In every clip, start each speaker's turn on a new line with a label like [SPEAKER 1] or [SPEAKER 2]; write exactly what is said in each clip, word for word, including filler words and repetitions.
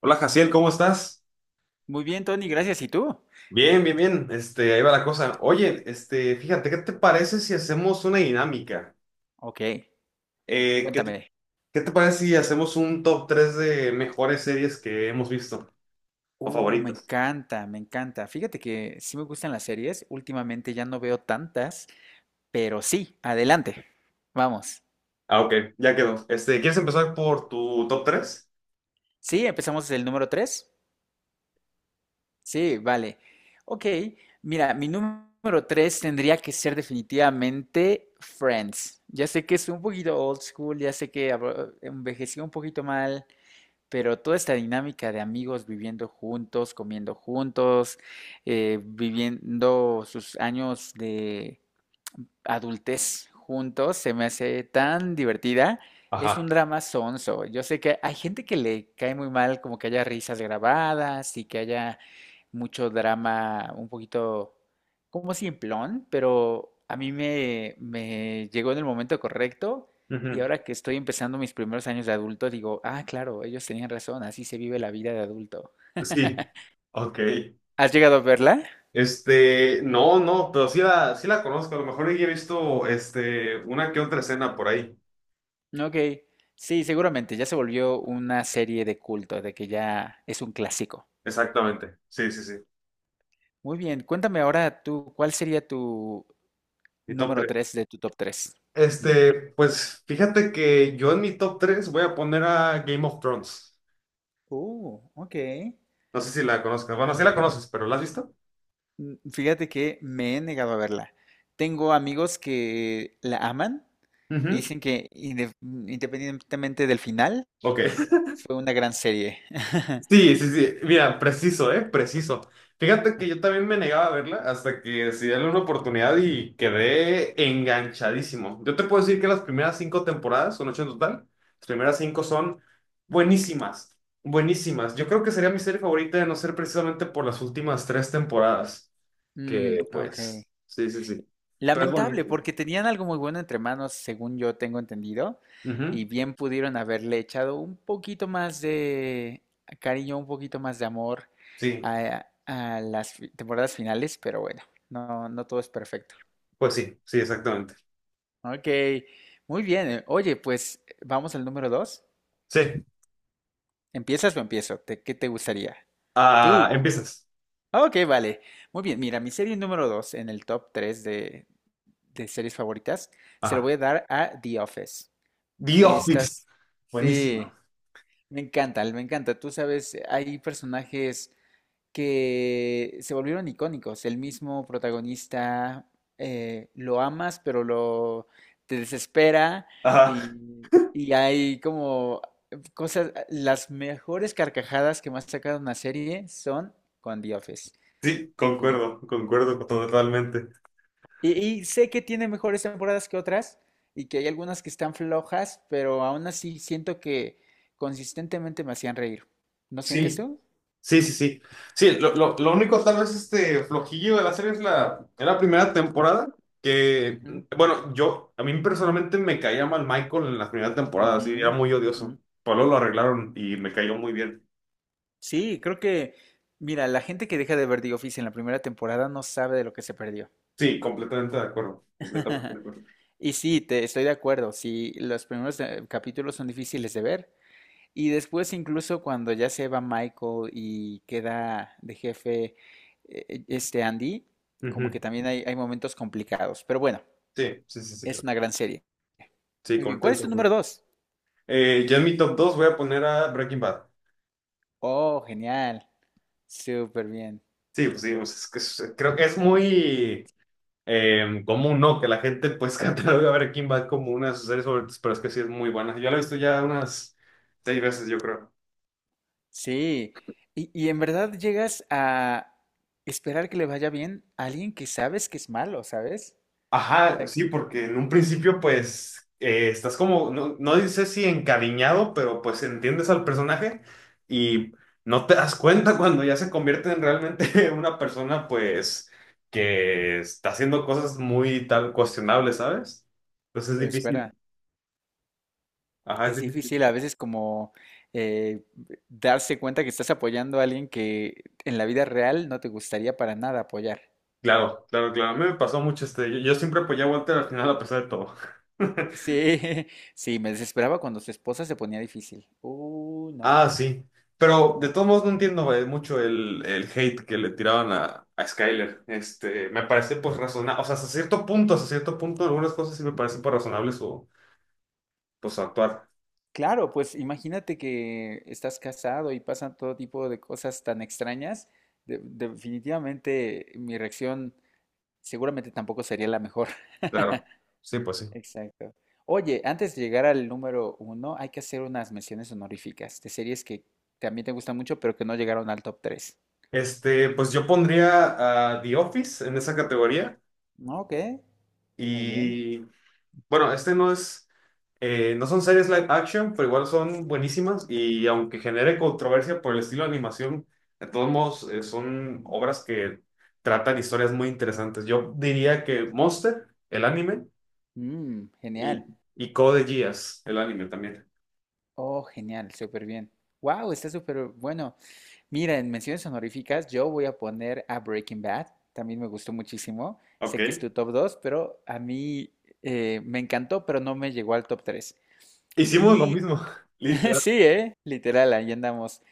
[SPEAKER 1] Hola, Jaciel, ¿cómo estás?
[SPEAKER 2] Muy bien, Tony, gracias. ¿Y tú?
[SPEAKER 1] Bien, bien, bien. Este, ahí va la cosa. Oye, este, fíjate, ¿qué te parece si hacemos una dinámica?
[SPEAKER 2] Ok,
[SPEAKER 1] Eh, ¿qué te,
[SPEAKER 2] cuéntame.
[SPEAKER 1] qué te parece si hacemos un top tres de mejores series que hemos visto o
[SPEAKER 2] Uh, me
[SPEAKER 1] favoritas?
[SPEAKER 2] encanta, me encanta. Fíjate que sí me gustan las series. Últimamente ya no veo tantas, pero sí, adelante. Vamos.
[SPEAKER 1] Ah, ok, ya quedó. Este, ¿quieres empezar por tu top tres?
[SPEAKER 2] Sí, empezamos desde el número tres. Sí, vale. Ok, mira, mi número tres tendría que ser definitivamente Friends. Ya sé que es un poquito old school, ya sé que abro- envejeció un poquito mal. Pero toda esta dinámica de amigos viviendo juntos, comiendo juntos, eh, viviendo sus años de adultez juntos se me hace tan divertida. Es un
[SPEAKER 1] Ajá.
[SPEAKER 2] drama sonso. Yo sé que hay gente que le cae muy mal como que haya risas grabadas y que haya mucho drama un poquito como simplón, pero a mí me, me llegó en el momento correcto y
[SPEAKER 1] Ujú.
[SPEAKER 2] ahora que estoy empezando mis primeros años de adulto digo, ah, claro, ellos tenían razón, así se vive la vida de adulto.
[SPEAKER 1] Sí. Ok.
[SPEAKER 2] ¿Has llegado a verla?
[SPEAKER 1] Este, no, no, pero sí la, sí la conozco. A lo mejor ya he visto, este, una que otra escena por ahí.
[SPEAKER 2] Ok, sí, seguramente ya se volvió una serie de culto, de que ya es un clásico.
[SPEAKER 1] Exactamente. Sí, sí, sí.
[SPEAKER 2] Muy bien, cuéntame ahora tú, ¿cuál sería tu
[SPEAKER 1] Mi top
[SPEAKER 2] número
[SPEAKER 1] tres.
[SPEAKER 2] tres de tu top tres?
[SPEAKER 1] Este, pues fíjate que yo en mi top tres voy a poner a Game of Thrones.
[SPEAKER 2] Oh, ok.
[SPEAKER 1] No sé si la conozcas. Bueno, sí la conoces, pero ¿la has visto?
[SPEAKER 2] Mm, Fíjate que me he negado a verla. Tengo amigos que la aman y
[SPEAKER 1] Ujú.
[SPEAKER 2] dicen que inde- independientemente del final,
[SPEAKER 1] Ok.
[SPEAKER 2] fue una gran serie.
[SPEAKER 1] Sí, sí, sí. Mira, preciso, ¿eh? Preciso. Fíjate que yo también me negaba a verla hasta que decidí darle una oportunidad y quedé enganchadísimo. Yo te puedo decir que las primeras cinco temporadas, son ocho en total, las primeras cinco son buenísimas, buenísimas. Yo creo que sería mi serie favorita de no ser precisamente por las últimas tres temporadas,
[SPEAKER 2] Mm,
[SPEAKER 1] que
[SPEAKER 2] ok.
[SPEAKER 1] pues, sí, sí, sí. Pero es bonito.
[SPEAKER 2] Lamentable, porque tenían algo muy bueno entre manos, según yo tengo entendido, y
[SPEAKER 1] Ujú.
[SPEAKER 2] bien pudieron haberle echado un poquito más de cariño, un poquito más de amor
[SPEAKER 1] Sí,
[SPEAKER 2] a, a las fi- temporadas finales, pero bueno, no, no todo es perfecto.
[SPEAKER 1] pues sí, sí, exactamente.
[SPEAKER 2] Ok, muy bien. eh, Oye, pues vamos al número dos.
[SPEAKER 1] Sí,
[SPEAKER 2] ¿Empiezas o empiezo? ¿Te- ¿Qué te gustaría?
[SPEAKER 1] ah,
[SPEAKER 2] Tú.
[SPEAKER 1] empiezas.
[SPEAKER 2] Ah, ok, vale. Muy bien, mira, mi serie número dos en el top tres de, de series favoritas se lo
[SPEAKER 1] Ajá.
[SPEAKER 2] voy a dar a The Office.
[SPEAKER 1] The Office.
[SPEAKER 2] Estas,
[SPEAKER 1] Buenísima.
[SPEAKER 2] sí, me encanta, me encanta. Tú sabes, hay personajes que se volvieron icónicos. El mismo protagonista eh, lo amas, pero lo te desespera
[SPEAKER 1] Ajá,
[SPEAKER 2] y, y hay como cosas. Las mejores carcajadas que más sacaron una serie son con The Office.
[SPEAKER 1] sí,
[SPEAKER 2] Sí.
[SPEAKER 1] concuerdo, concuerdo totalmente.
[SPEAKER 2] Y, y sé que tiene mejores temporadas que otras y que hay algunas que están flojas, pero aún así siento que consistentemente me hacían reír. ¿No sientes
[SPEAKER 1] Sí,
[SPEAKER 2] tú?
[SPEAKER 1] sí, sí, sí. Sí, lo, lo, lo único tal vez este flojillo de la serie es la, es la primera temporada, que,
[SPEAKER 2] Ujú,
[SPEAKER 1] bueno, yo, a mí personalmente me caía mal Michael en la primera temporada,
[SPEAKER 2] ujú,
[SPEAKER 1] así era muy
[SPEAKER 2] ujú.
[SPEAKER 1] odioso. Pero luego lo arreglaron y me cayó muy bien.
[SPEAKER 2] Sí, creo que, mira, la gente que deja de ver The Office en la primera temporada no sabe de lo que se perdió.
[SPEAKER 1] Sí, completamente de acuerdo. Completamente de acuerdo.
[SPEAKER 2] Y sí, te estoy de acuerdo. Sí, los primeros eh, capítulos son difíciles de ver. Y después incluso cuando ya se va Michael y queda de jefe eh, este Andy, como que
[SPEAKER 1] Ujú.
[SPEAKER 2] también hay, hay momentos complicados. Pero bueno,
[SPEAKER 1] Sí, sí, sí, sí.
[SPEAKER 2] es una gran serie.
[SPEAKER 1] Sí,
[SPEAKER 2] Muy bien, ¿cuál es
[SPEAKER 1] completamente
[SPEAKER 2] tu
[SPEAKER 1] de
[SPEAKER 2] número
[SPEAKER 1] acuerdo.
[SPEAKER 2] dos?
[SPEAKER 1] Eh, yo en mi top dos voy a poner a Breaking Bad.
[SPEAKER 2] Oh, genial. Súper bien.
[SPEAKER 1] Sí, pues sí, pues, es que es- creo que es muy eh, común, ¿no? Que la gente pues catalogue a Breaking Bad como una de sus series favoritas, pero es que sí es muy buena. Yo la he visto ya unas seis veces, yo creo.
[SPEAKER 2] Sí. Y, y en verdad llegas a esperar que le vaya bien a alguien que sabes que es malo, ¿sabes? O
[SPEAKER 1] Ajá,
[SPEAKER 2] sea,
[SPEAKER 1] sí, porque en un principio pues eh, estás como, no, no dice si encariñado, pero pues entiendes al personaje y no te das cuenta cuando ya se convierte en realmente una persona pues que está haciendo cosas muy tal cuestionables, ¿sabes? Entonces es
[SPEAKER 2] lo esperas.
[SPEAKER 1] difícil. Ajá, es
[SPEAKER 2] Es
[SPEAKER 1] difícil.
[SPEAKER 2] difícil a veces como eh, darse cuenta que estás apoyando a alguien que en la vida real no te gustaría para nada apoyar.
[SPEAKER 1] Claro, claro, claro. A mí me pasó mucho este. Yo, yo siempre apoyé a Walter al final a pesar de todo.
[SPEAKER 2] Sí, sí, me desesperaba cuando su esposa se ponía difícil. Uh, no,
[SPEAKER 1] Ah, sí. Pero de
[SPEAKER 2] no.
[SPEAKER 1] todos modos no entiendo eh, mucho el, el hate que le tiraban a, a Skyler. Este, me parece pues razonable. O sea, hasta cierto punto, hasta cierto punto, algunas cosas sí me parecen pues razonables o pues su actuar.
[SPEAKER 2] Claro, pues imagínate que estás casado y pasan todo tipo de cosas tan extrañas. de- definitivamente mi reacción seguramente tampoco sería la mejor.
[SPEAKER 1] Claro. Sí, pues sí.
[SPEAKER 2] Exacto. Oye, antes de llegar al número uno, hay que hacer unas menciones honoríficas de series que también te gustan mucho, pero que no llegaron al top tres.
[SPEAKER 1] Este, pues yo pondría a The Office en esa categoría.
[SPEAKER 2] Ok, muy bien.
[SPEAKER 1] Y bueno, este no es, eh, no son series live action, pero igual son buenísimas y aunque genere controversia por el estilo de animación, de todos modos eh, son obras que tratan historias muy interesantes. Yo diría que Monster, el anime,
[SPEAKER 2] Mm, genial.
[SPEAKER 1] y, y Code Geass, el anime también.
[SPEAKER 2] Oh, genial, súper bien. Wow, está súper bueno. Mira, en menciones honoríficas yo voy a poner a Breaking Bad. También me gustó muchísimo. Sé que es
[SPEAKER 1] Ok.
[SPEAKER 2] tu top dos, pero a mí eh, me encantó, pero no me llegó al top tres.
[SPEAKER 1] Hicimos lo
[SPEAKER 2] Y
[SPEAKER 1] mismo, literal.
[SPEAKER 2] sí, ¿eh? Literal, ahí andamos.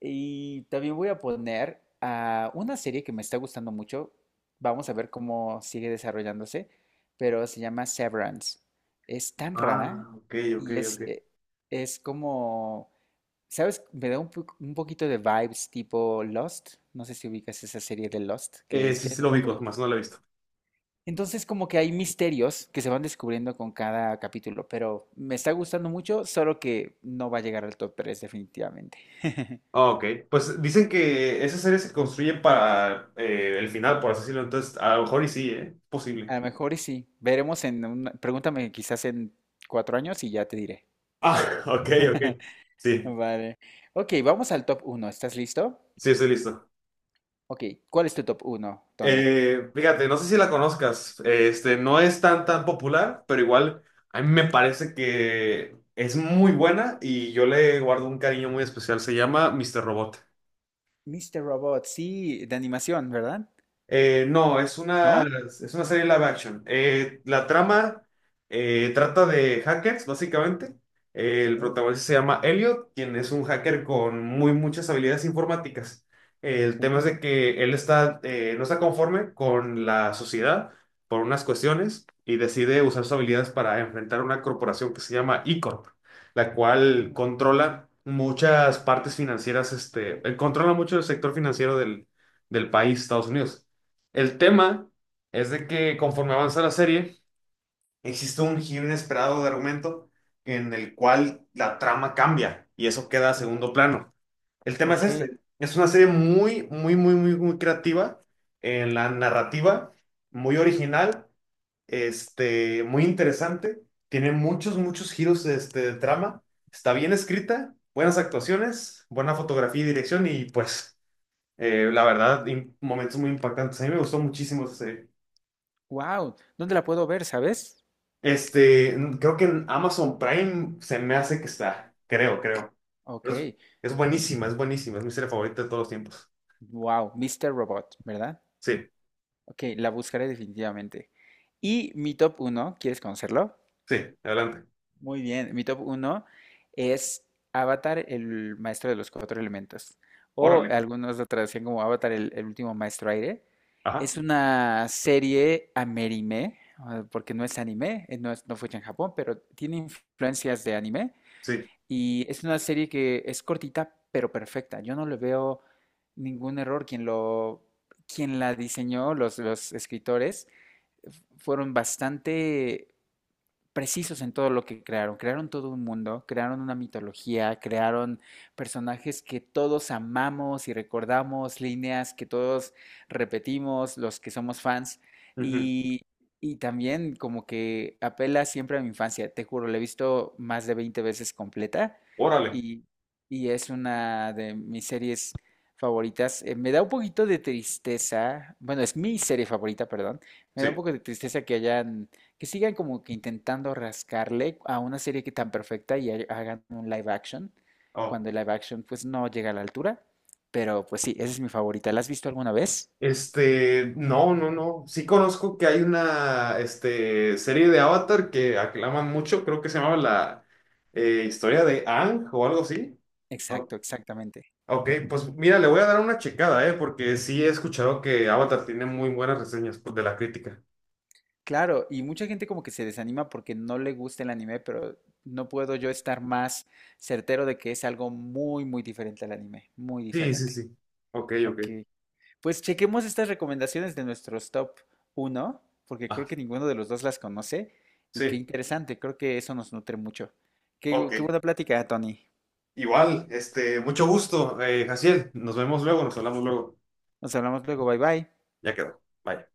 [SPEAKER 2] Y también voy a poner a una serie que me está gustando mucho. Vamos a ver cómo sigue desarrollándose, pero se llama Severance. Es tan
[SPEAKER 1] Ah,
[SPEAKER 2] rara
[SPEAKER 1] ok, ok,
[SPEAKER 2] y es,
[SPEAKER 1] ok.
[SPEAKER 2] eh, es como, ¿sabes? Me da un, po- un poquito de vibes tipo Lost. No sé si ubicas esa serie de Lost, que
[SPEAKER 1] Eh,
[SPEAKER 2] es,
[SPEAKER 1] sí,
[SPEAKER 2] ya es
[SPEAKER 1] sí
[SPEAKER 2] un
[SPEAKER 1] lo
[SPEAKER 2] poco
[SPEAKER 1] ubico,
[SPEAKER 2] vieja.
[SPEAKER 1] más no lo he visto.
[SPEAKER 2] Entonces como que hay misterios que se van descubriendo con cada capítulo, pero me está gustando mucho, solo que no va a llegar al top tres definitivamente.
[SPEAKER 1] Ah, ok. Pues dicen que esa serie se construye para eh, el final, por así decirlo, entonces a lo mejor y sí, ¿eh? Posible.
[SPEAKER 2] A lo mejor y sí. Veremos. en una... Pregúntame quizás en cuatro años y ya te diré.
[SPEAKER 1] Ah, ok, ok. Sí,
[SPEAKER 2] Vale. Ok, vamos al top uno. ¿Estás listo?
[SPEAKER 1] sí, estoy listo.
[SPEAKER 2] Ok, ¿cuál es tu top uno, Tony?
[SPEAKER 1] Eh, fíjate, no sé si la conozcas. Este, no es tan tan popular, pero igual a mí me parece que es muy buena y yo le guardo un cariño muy especial. Se llama míster Robot.
[SPEAKER 2] Mister Robot, sí, de animación, ¿verdad?
[SPEAKER 1] Eh, no, es una,
[SPEAKER 2] ¿No?
[SPEAKER 1] es una serie live action. Eh, la trama eh, trata de hackers, básicamente. Eh, el
[SPEAKER 2] Oh,
[SPEAKER 1] protagonista se llama Elliot, quien es un hacker con muy muchas habilidades informáticas. Eh, el tema es
[SPEAKER 2] oh,
[SPEAKER 1] de que él está, eh, no está conforme con la sociedad por unas cuestiones y decide usar sus habilidades para enfrentar una corporación que se llama E-Corp, la cual
[SPEAKER 2] oh,
[SPEAKER 1] controla muchas partes financieras, este, eh, controla mucho el sector financiero del, del país, Estados Unidos. El tema es de que conforme avanza la serie, existe un giro inesperado de argumento en el cual la trama cambia y eso queda a
[SPEAKER 2] oh.
[SPEAKER 1] segundo plano. El tema es
[SPEAKER 2] Ok,
[SPEAKER 1] este. Es una serie muy, muy, muy, muy, muy creativa en la narrativa, muy original, este, muy interesante. Tiene muchos, muchos giros este, de trama. Está bien escrita, buenas actuaciones, buena fotografía y dirección y pues eh, la verdad, im- momentos muy impactantes. A mí me gustó muchísimo esa serie.
[SPEAKER 2] wow. ¿Dónde la puedo ver, sabes?
[SPEAKER 1] Este, creo que en Amazon Prime se me hace que está, creo, creo.
[SPEAKER 2] Ok,
[SPEAKER 1] Pero Es, es buenísima, es buenísima, es mi serie favorita de todos los tiempos.
[SPEAKER 2] wow, Mister Robot, ¿verdad?
[SPEAKER 1] Sí,
[SPEAKER 2] Ok, la buscaré definitivamente. Y mi top uno, ¿quieres conocerlo?
[SPEAKER 1] sí, adelante.
[SPEAKER 2] Muy bien, mi top uno es Avatar, el maestro de los cuatro elementos. O
[SPEAKER 1] Órale.
[SPEAKER 2] algunos lo traducían como Avatar, el, el último maestro aire.
[SPEAKER 1] Ajá,
[SPEAKER 2] Es una serie amerime, ah, porque no es anime, eh, no, es- no fue hecha en Japón, pero tiene influencias de anime.
[SPEAKER 1] sí.
[SPEAKER 2] Y es una serie que es cortita, pero perfecta. Yo no le veo ningún error. Quien lo, quien la diseñó, los, los escritores, fueron bastante precisos en todo lo que crearon. Crearon todo un mundo, crearon una mitología, crearon personajes que todos amamos y recordamos, líneas que todos repetimos, los que somos fans.
[SPEAKER 1] Ujú,
[SPEAKER 2] Y, y también como que apela siempre a mi infancia. Te juro, la he visto más de veinte veces completa
[SPEAKER 1] órale,
[SPEAKER 2] y, y es una de mis series favoritas. Eh, me da un poquito de tristeza, bueno, es mi serie favorita, perdón. Me da un
[SPEAKER 1] sí.
[SPEAKER 2] poco de tristeza que hayan que sigan como que intentando rascarle a una serie que tan perfecta y ha- hagan un live action,
[SPEAKER 1] Oh.
[SPEAKER 2] cuando el live action pues no llega a la altura. Pero pues sí, esa es mi favorita. ¿La has visto alguna vez?
[SPEAKER 1] Este, no, no, no. Sí conozco que hay una, este, serie de Avatar que aclaman mucho, creo que se llamaba la eh, historia de Aang o algo así.
[SPEAKER 2] Exacto, exactamente.
[SPEAKER 1] Ok, pues mira, le voy a dar una checada, ¿eh? Porque sí he escuchado que Avatar tiene muy buenas reseñas pues, de la crítica.
[SPEAKER 2] Claro, y mucha gente como que se desanima porque no le gusta el anime, pero no puedo yo estar más certero de que es algo muy, muy diferente al anime, muy
[SPEAKER 1] Sí, sí,
[SPEAKER 2] diferente.
[SPEAKER 1] sí. Ok, ok.
[SPEAKER 2] Ok. Pues chequemos estas recomendaciones de nuestros top uno, porque
[SPEAKER 1] Ah,
[SPEAKER 2] creo que ninguno de los dos las conoce y qué
[SPEAKER 1] sí.
[SPEAKER 2] interesante, creo que eso nos nutre mucho. Qué,
[SPEAKER 1] Ok.
[SPEAKER 2] qué buena plática, Tony.
[SPEAKER 1] Igual, este, mucho gusto, eh, Jaciel. Nos vemos luego, nos hablamos luego.
[SPEAKER 2] Nos hablamos luego, bye bye.
[SPEAKER 1] Ya quedó. Bye.